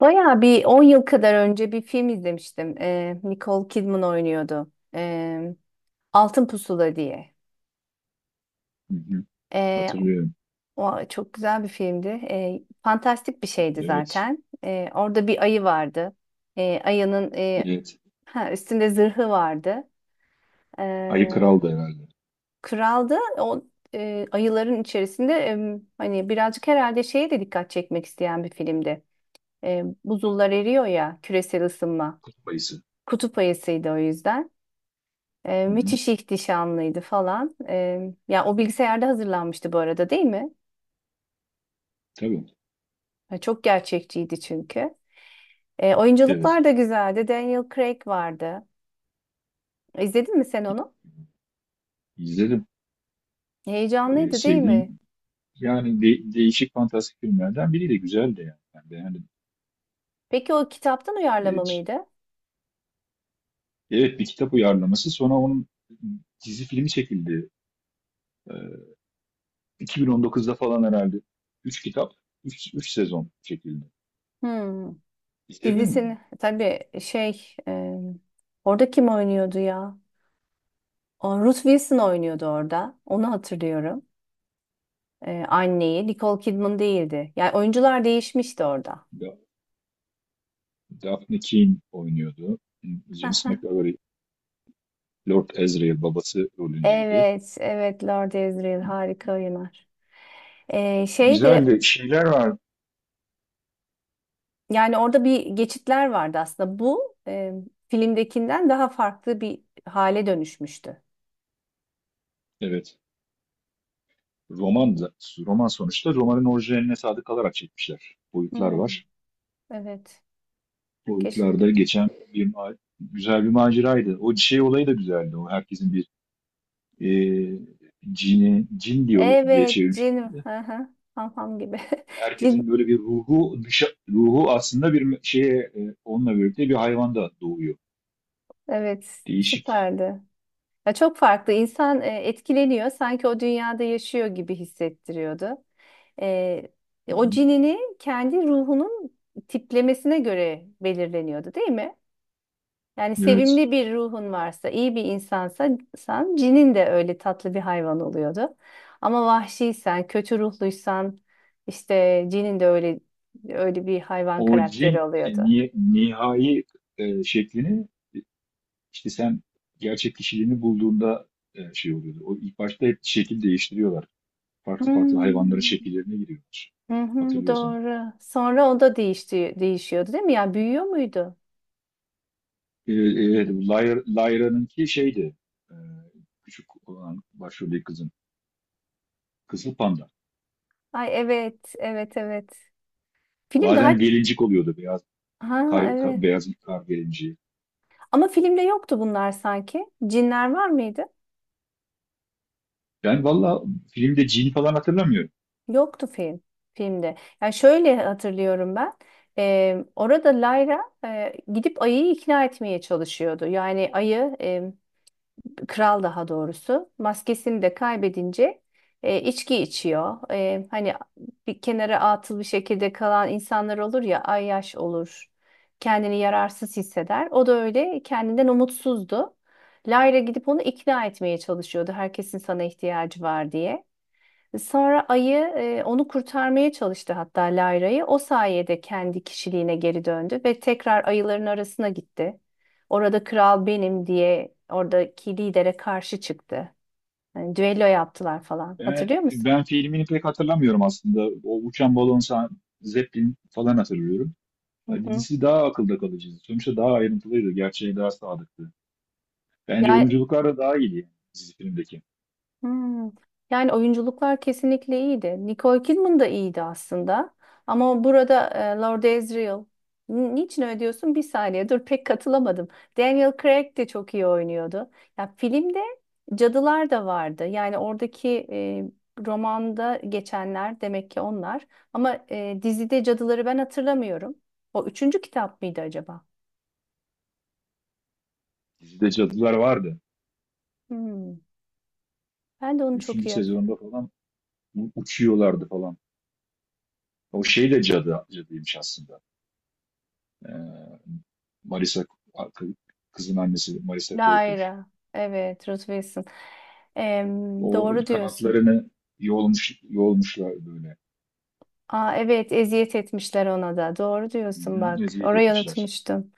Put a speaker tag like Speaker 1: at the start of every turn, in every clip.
Speaker 1: Bayağı bir 10 yıl kadar önce bir film izlemiştim. Nicole Kidman oynuyordu. Altın Pusula diye.
Speaker 2: Hı hı.
Speaker 1: Ee,
Speaker 2: Hatırlıyorum.
Speaker 1: O çok güzel bir filmdi. Fantastik bir şeydi
Speaker 2: Evet.
Speaker 1: zaten. Orada bir ayı vardı. Ee, ayının e,
Speaker 2: Evet.
Speaker 1: ha, üstünde zırhı vardı.
Speaker 2: Ayı
Speaker 1: Ee,
Speaker 2: Kral'dı herhalde.
Speaker 1: Kraldı. Ayıların içerisinde hani birazcık herhalde şeye de dikkat çekmek isteyen bir filmdi. Buzullar eriyor ya, küresel ısınma.
Speaker 2: Kutup ayısı.
Speaker 1: Kutup ayısıydı o yüzden.
Speaker 2: Hı hı.
Speaker 1: Müthiş ihtişamlıydı falan. Ya o bilgisayarda hazırlanmıştı bu arada, değil mi?
Speaker 2: Tabii.
Speaker 1: Çok gerçekçiydi çünkü. Oyunculuklar
Speaker 2: Evet.
Speaker 1: da güzeldi. Daniel Craig vardı. İzledin mi sen onu?
Speaker 2: İzledim.
Speaker 1: Heyecanlıydı, değil mi?
Speaker 2: Sevdiğim yani değişik fantastik filmlerden biri de güzeldi yani. Ben beğendim.
Speaker 1: Peki o kitaptan
Speaker 2: Ee,
Speaker 1: uyarlama
Speaker 2: c-
Speaker 1: mıydı?
Speaker 2: evet, bir kitap uyarlaması. Sonra onun dizi filmi çekildi. Ee, 2019'da falan herhalde. Üç kitap, üç sezon çekildi.
Speaker 1: Hmm.
Speaker 2: İzledin mi
Speaker 1: Dizisini
Speaker 2: onu?
Speaker 1: tabii şey e, Orada kim oynuyordu ya? O, Ruth Wilson oynuyordu orada. Onu hatırlıyorum. Anneyi. Nicole Kidman değildi. Yani oyuncular değişmişti orada.
Speaker 2: Da Daphne Keane oynuyordu. James McAvoy Lord Asriel babası rolündeydi.
Speaker 1: Evet, evet, Lord Ezreal harika oynar. Ee,
Speaker 2: Güzel
Speaker 1: şeydi
Speaker 2: de şeyler var.
Speaker 1: Yani orada bir geçitler vardı aslında. Bu filmdekinden daha farklı bir hale dönüşmüştü.
Speaker 2: Evet. Roman da, Roman sonuçta romanın orijinaline sadık kalarak çekmişler. Boyutlar
Speaker 1: Hmm.
Speaker 2: var.
Speaker 1: Evet. Keşke.
Speaker 2: Boyutlarda geçen güzel bir maceraydı. O şey olayı da güzeldi. O herkesin bir e, cin diyor diye
Speaker 1: Evet, Jin.
Speaker 2: çevirmişlerdi.
Speaker 1: Hı hı. Ham ham gibi.
Speaker 2: Herkesin
Speaker 1: Jin.
Speaker 2: böyle bir ruhu aslında bir me- şeye e, onunla birlikte bir hayvanda doğuyor.
Speaker 1: Evet,
Speaker 2: Değişik.
Speaker 1: süperdi. Ya çok farklı. İnsan etkileniyor. Sanki o dünyada yaşıyor gibi hissettiriyordu. E,
Speaker 2: Hı
Speaker 1: O
Speaker 2: hı.
Speaker 1: cinini kendi ruhunun tiplemesine göre belirleniyordu, değil mi? Yani
Speaker 2: Evet.
Speaker 1: sevimli bir ruhun varsa, iyi bir insansa, cinin de öyle tatlı bir hayvan oluyordu. Ama vahşiysen, kötü ruhluysan, işte cinin de öyle bir hayvan
Speaker 2: O cin
Speaker 1: karakteri oluyordu.
Speaker 2: nihai şeklini, İşte sen gerçek kişiliğini bulduğunda şey oluyordu. O ilk başta hep şekil değiştiriyorlar. Farklı farklı hayvanların
Speaker 1: Hmm.
Speaker 2: şekillerine giriyorlar.
Speaker 1: Hı hı,
Speaker 2: Hatırlıyorsan.
Speaker 1: doğru. Sonra o da değişti, değişiyordu değil mi? Ya büyüyor muydu?
Speaker 2: E, e, Lyra'nınki şeydi. e, Küçük olan başroldeki kızın. Kızıl panda.
Speaker 1: Ay, evet, evet, evet. Film daha...
Speaker 2: Bazen gelincik oluyordu.
Speaker 1: Ha, evet.
Speaker 2: Beyaz kar gelinciği.
Speaker 1: Ama filmde yoktu bunlar sanki. Cinler var mıydı?
Speaker 2: Ben valla filmde cin falan hatırlamıyorum.
Speaker 1: Yoktu filmde. Yani şöyle hatırlıyorum ben. Orada Layra gidip ayıyı ikna etmeye çalışıyordu. Yani ayı, kral daha doğrusu, maskesini de kaybedince içki içiyor. Hani bir kenara atıl bir şekilde kalan insanlar olur ya, ayyaş olur. Kendini yararsız hisseder. O da öyle kendinden umutsuzdu. Lyra gidip onu ikna etmeye çalışıyordu. Herkesin sana ihtiyacı var diye. Sonra ayı onu kurtarmaya çalıştı hatta Layra'yı. O sayede kendi kişiliğine geri döndü ve tekrar ayıların arasına gitti. Orada kral benim diye oradaki lidere karşı çıktı. Yani düello yaptılar falan.
Speaker 2: Ben,
Speaker 1: Hatırlıyor musun?
Speaker 2: ben filmini pek hatırlamıyorum aslında. O uçan balon sahn- Zeppelin falan hatırlıyorum.
Speaker 1: Hı
Speaker 2: Ya
Speaker 1: hı.
Speaker 2: dizisi daha akılda kalıcıydı. Sonuçta daha ayrıntılıydı. Gerçeğe daha sadıktı. Bence
Speaker 1: Ya.
Speaker 2: oyunculuklar da daha iyiydi yani dizi filmdeki.
Speaker 1: Hmm. Yani oyunculuklar kesinlikle iyiydi. Nicole Kidman da iyiydi aslında. Ama burada Lord Asriel... Niçin öyle diyorsun? Bir saniye dur, pek katılamadım. Daniel Craig de çok iyi oynuyordu. Ya filmde cadılar da vardı. Yani oradaki, romanda geçenler demek ki onlar. Ama dizide cadıları ben hatırlamıyorum. O üçüncü kitap mıydı acaba?
Speaker 2: Dizide cadılar vardı.
Speaker 1: Hmm. Ben de onu çok
Speaker 2: Üçüncü
Speaker 1: iyi hatırlamıyorum.
Speaker 2: sezonda falan uçuyorlardı falan. O şey de cadıymış aslında. Ee, Marisa, kızın annesi Marisa Coulter.
Speaker 1: Lyra. Evet, Ruth Wilson. Em,
Speaker 2: O
Speaker 1: doğru diyorsun.
Speaker 2: kanatlarını yolmuşlar böyle.
Speaker 1: Aa, evet, eziyet etmişler ona da. Doğru
Speaker 2: Hı
Speaker 1: diyorsun
Speaker 2: hı,
Speaker 1: bak.
Speaker 2: eziyet
Speaker 1: Orayı
Speaker 2: etmişler.
Speaker 1: unutmuştum.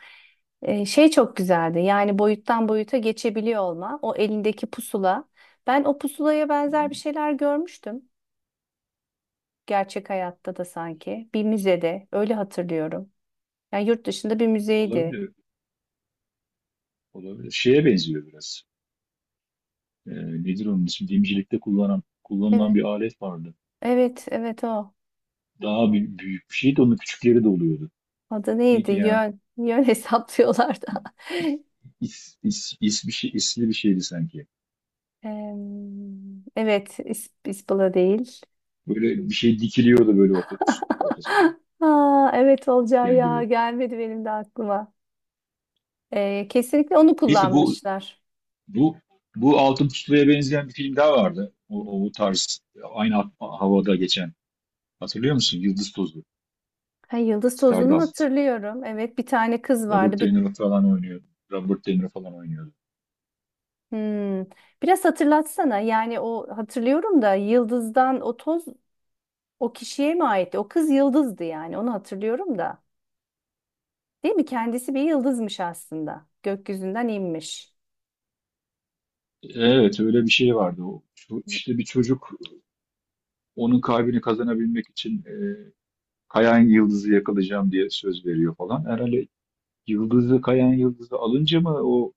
Speaker 1: Şey çok güzeldi. Yani boyuttan boyuta geçebiliyor olma. O elindeki pusula. Ben o pusulaya
Speaker 2: Hı
Speaker 1: benzer bir
Speaker 2: hı.
Speaker 1: şeyler görmüştüm. Gerçek hayatta da sanki. Bir müzede. Öyle hatırlıyorum. Yani yurt dışında bir müzeydi.
Speaker 2: Olabilir. Olabilir, şeye benziyor biraz. Ee, Nedir onun ismi? Dimcilikte kullanılan
Speaker 1: Evet,
Speaker 2: bir alet vardı.
Speaker 1: evet, evet, o.
Speaker 2: Daha büyük bir şeydi. Onun küçükleri de oluyordu.
Speaker 1: Adı neydi?
Speaker 2: Neydi ya?
Speaker 1: Yön. Yön hesaplıyorlardı.
Speaker 2: İsli bir şeydi sanki.
Speaker 1: Em, evet, ispala değil.
Speaker 2: Böyle bir şey dikiliyordu böyle ortasında.
Speaker 1: Aa, evet, olacağı
Speaker 2: Üçgen
Speaker 1: ya
Speaker 2: gibi.
Speaker 1: gelmedi benim de aklıma. Kesinlikle onu
Speaker 2: Neyse
Speaker 1: kullanmışlar.
Speaker 2: bu bu Altın Pustula'ya benzeyen bir film daha vardı. O tarz, aynı havada geçen. Hatırlıyor musun? Yıldız Tozlu.
Speaker 1: Ha, yıldız tozunu
Speaker 2: Stardust.
Speaker 1: hatırlıyorum. Evet, bir tane kız
Speaker 2: Robert
Speaker 1: vardı. Bir,
Speaker 2: De Niro falan oynuyordu. Robert De Niro falan oynuyordu.
Speaker 1: hmm. Biraz hatırlatsana. Yani o hatırlıyorum da, yıldızdan o toz o kişiye mi aitti? O kız yıldızdı, yani onu hatırlıyorum da. Değil mi? Kendisi bir yıldızmış aslında. Gökyüzünden inmiş.
Speaker 2: Evet, öyle bir şey vardı. İşte bir çocuk onun kalbini kazanabilmek için Kayan Yıldız'ı yakalayacağım diye söz veriyor falan. Herhalde Kayan Yıldız'ı alınca mı o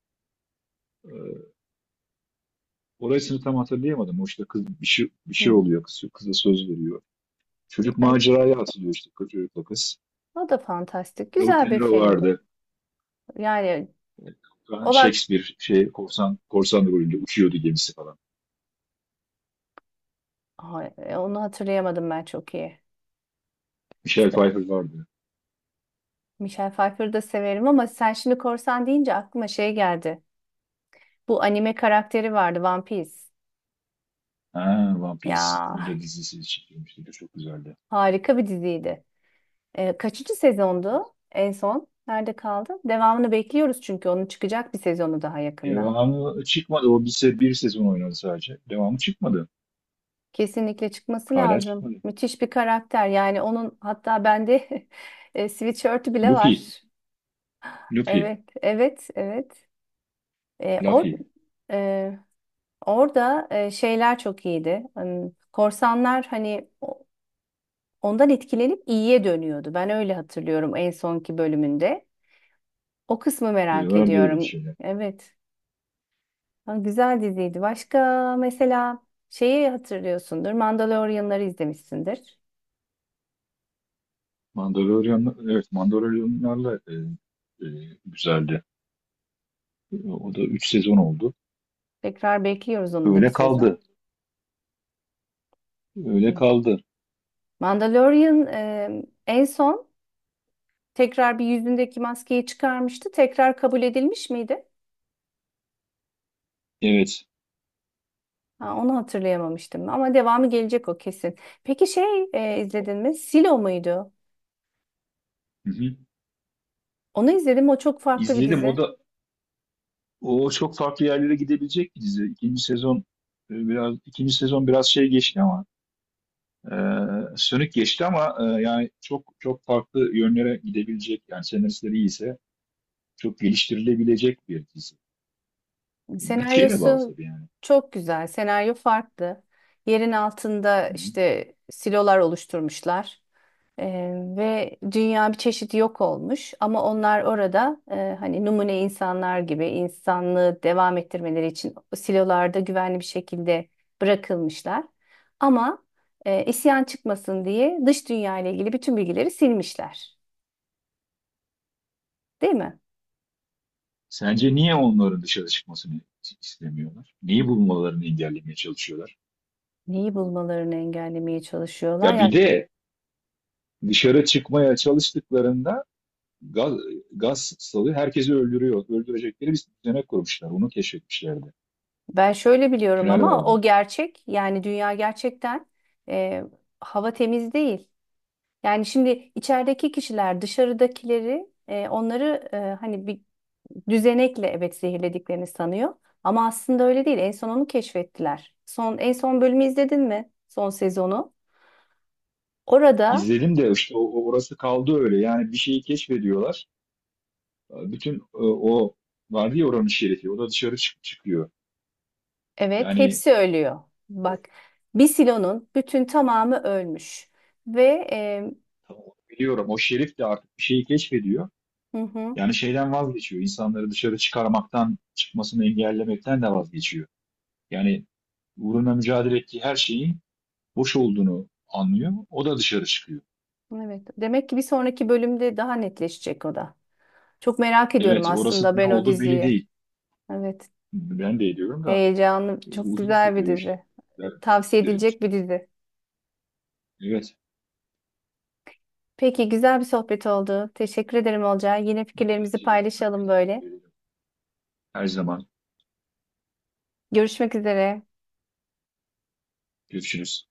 Speaker 2: e, orasını tam hatırlayamadım. O işte bir şey
Speaker 1: Hmm.
Speaker 2: oluyor, kıza söz veriyor. Çocuk
Speaker 1: Yani
Speaker 2: maceraya atılıyor, işte çocukla kız.
Speaker 1: o da fantastik.
Speaker 2: Robert De
Speaker 1: Güzel bir
Speaker 2: Niro
Speaker 1: filmdi.
Speaker 2: vardı.
Speaker 1: Yani
Speaker 2: Ben
Speaker 1: o bak...
Speaker 2: Shakespeare şey korsan rolünde uçuyordu gemisi falan.
Speaker 1: Ay, onu hatırlayamadım ben çok iyi.
Speaker 2: Michelle Pfeiffer vardı.
Speaker 1: Michelle Pfeiffer'ı da severim ama sen şimdi korsan deyince aklıma şey geldi. Bu anime karakteri vardı, One Piece.
Speaker 2: Ha, One Piece.
Speaker 1: Ya
Speaker 2: Bunun da dizisi çekilmişti. Bu çok güzeldi.
Speaker 1: harika bir diziydi. Kaçıncı sezondu en son? Nerede kaldı? Devamını bekliyoruz çünkü onun çıkacak bir sezonu daha yakında.
Speaker 2: Devamı çıkmadı. O bir, se Bir sezon oynadı sadece. Devamı çıkmadı.
Speaker 1: Kesinlikle çıkması
Speaker 2: Hala
Speaker 1: lazım.
Speaker 2: çıkmadı.
Speaker 1: Müthiş bir karakter. Yani onun hatta bende sweatshirt'ü bile
Speaker 2: Luffy.
Speaker 1: var.
Speaker 2: Luffy,
Speaker 1: Evet, evet, evet. E, or,
Speaker 2: Luffy
Speaker 1: e, Orada şeyler çok iyiydi. Hmm, korsanlar hani ondan etkilenip iyiye dönüyordu. Ben öyle hatırlıyorum en sonki bölümünde. O kısmı merak
Speaker 2: var diye bir
Speaker 1: ediyorum.
Speaker 2: şey.
Speaker 1: Evet. Ha, güzel diziydi. Başka mesela şeyi hatırlıyorsundur. Mandalorianları izlemişsindir.
Speaker 2: Mandalorian, evet Mandalorianlarla e, güzeldi. O da 3 sezon oldu.
Speaker 1: Tekrar bekliyoruz onun da bir
Speaker 2: Öyle
Speaker 1: sezon.
Speaker 2: kaldı. Öyle
Speaker 1: Hmm.
Speaker 2: kaldı.
Speaker 1: Mandalorian en son tekrar bir yüzündeki maskeyi çıkarmıştı. Tekrar kabul edilmiş miydi?
Speaker 2: Evet.
Speaker 1: Ha, onu hatırlayamamıştım ama devamı gelecek o kesin. Peki, izledin mi? Silo muydu?
Speaker 2: Hı hı.
Speaker 1: Onu izledim. O çok farklı bir
Speaker 2: İzledim.
Speaker 1: dizi.
Speaker 2: O çok farklı yerlere gidebilecek bir dizi. İkinci sezon e, biraz ikinci sezon biraz şey geçti ama e, sönük geçti ama yani çok çok farklı yönlere gidebilecek, yani senaristleri iyiyse çok geliştirilebilecek bir dizi. Bütçeye de bağlı
Speaker 1: Senaryosu
Speaker 2: tabii yani.
Speaker 1: çok güzel. Senaryo farklı. Yerin altında işte silolar oluşturmuşlar. Ve dünya bir çeşit yok olmuş ama onlar orada, hani numune insanlar gibi, insanlığı devam ettirmeleri için silolarda güvenli bir şekilde bırakılmışlar. Ama isyan çıkmasın diye dış dünya ile ilgili bütün bilgileri silmişler. Değil mi?
Speaker 2: Sence niye onların dışarı çıkmasını istemiyorlar? Neyi bulmalarını engellemeye çalışıyorlar?
Speaker 1: Neyi bulmalarını engellemeye çalışıyorlar.
Speaker 2: Ya bir
Speaker 1: Yani
Speaker 2: de dışarı çıkmaya çalıştıklarında gaz, gaz salı herkesi öldürüyor. Öldürecekleri bir düzenek kurmuşlar. Onu keşfetmişlerdi.
Speaker 1: ben şöyle biliyorum,
Speaker 2: Tünel
Speaker 1: ama o
Speaker 2: vardı.
Speaker 1: gerçek, yani dünya gerçekten e, hava temiz değil. Yani şimdi içerideki kişiler dışarıdakileri, onları hani bir düzenekle, evet, zehirlediklerini sanıyor. Ama aslında öyle değil. En son onu keşfettiler. Son, en son bölümü izledin mi? Son sezonu. Orada
Speaker 2: İzledim de işte orası kaldı öyle. Yani bir şeyi keşfediyorlar. Bütün o vardı ya, oranın şerifi. O da dışarı çıkıyor.
Speaker 1: evet,
Speaker 2: Yani
Speaker 1: hepsi ölüyor.
Speaker 2: o,
Speaker 1: Bak, bir silonun bütün tamamı ölmüş. Ve e,
Speaker 2: tamam, biliyorum, o şerif de artık bir şeyi keşfediyor.
Speaker 1: hı hı,
Speaker 2: Yani şeyden vazgeçiyor. İnsanları dışarı çıkarmaktan, çıkmasını engellemekten de vazgeçiyor. Yani uğruna mücadele ettiği her şeyin boş olduğunu anlıyor. O da dışarı çıkıyor.
Speaker 1: evet, demek ki bir sonraki bölümde daha netleşecek o da. Çok merak ediyorum
Speaker 2: Evet, orası
Speaker 1: aslında
Speaker 2: ne
Speaker 1: ben o
Speaker 2: oldu belli
Speaker 1: diziyi.
Speaker 2: değil.
Speaker 1: Evet.
Speaker 2: Ben de ediyorum da
Speaker 1: Heyecanlı, çok
Speaker 2: uzun
Speaker 1: güzel bir
Speaker 2: sürüyor işte,
Speaker 1: dizi. Tavsiye
Speaker 2: bu
Speaker 1: edilecek bir
Speaker 2: çıkması.
Speaker 1: dizi.
Speaker 2: Evet,
Speaker 1: Peki, güzel bir sohbet oldu. Teşekkür ederim Olcay. Yine fikirlerimizi
Speaker 2: bence de.
Speaker 1: paylaşalım böyle.
Speaker 2: Her zaman
Speaker 1: Görüşmek üzere.
Speaker 2: görüşürüz.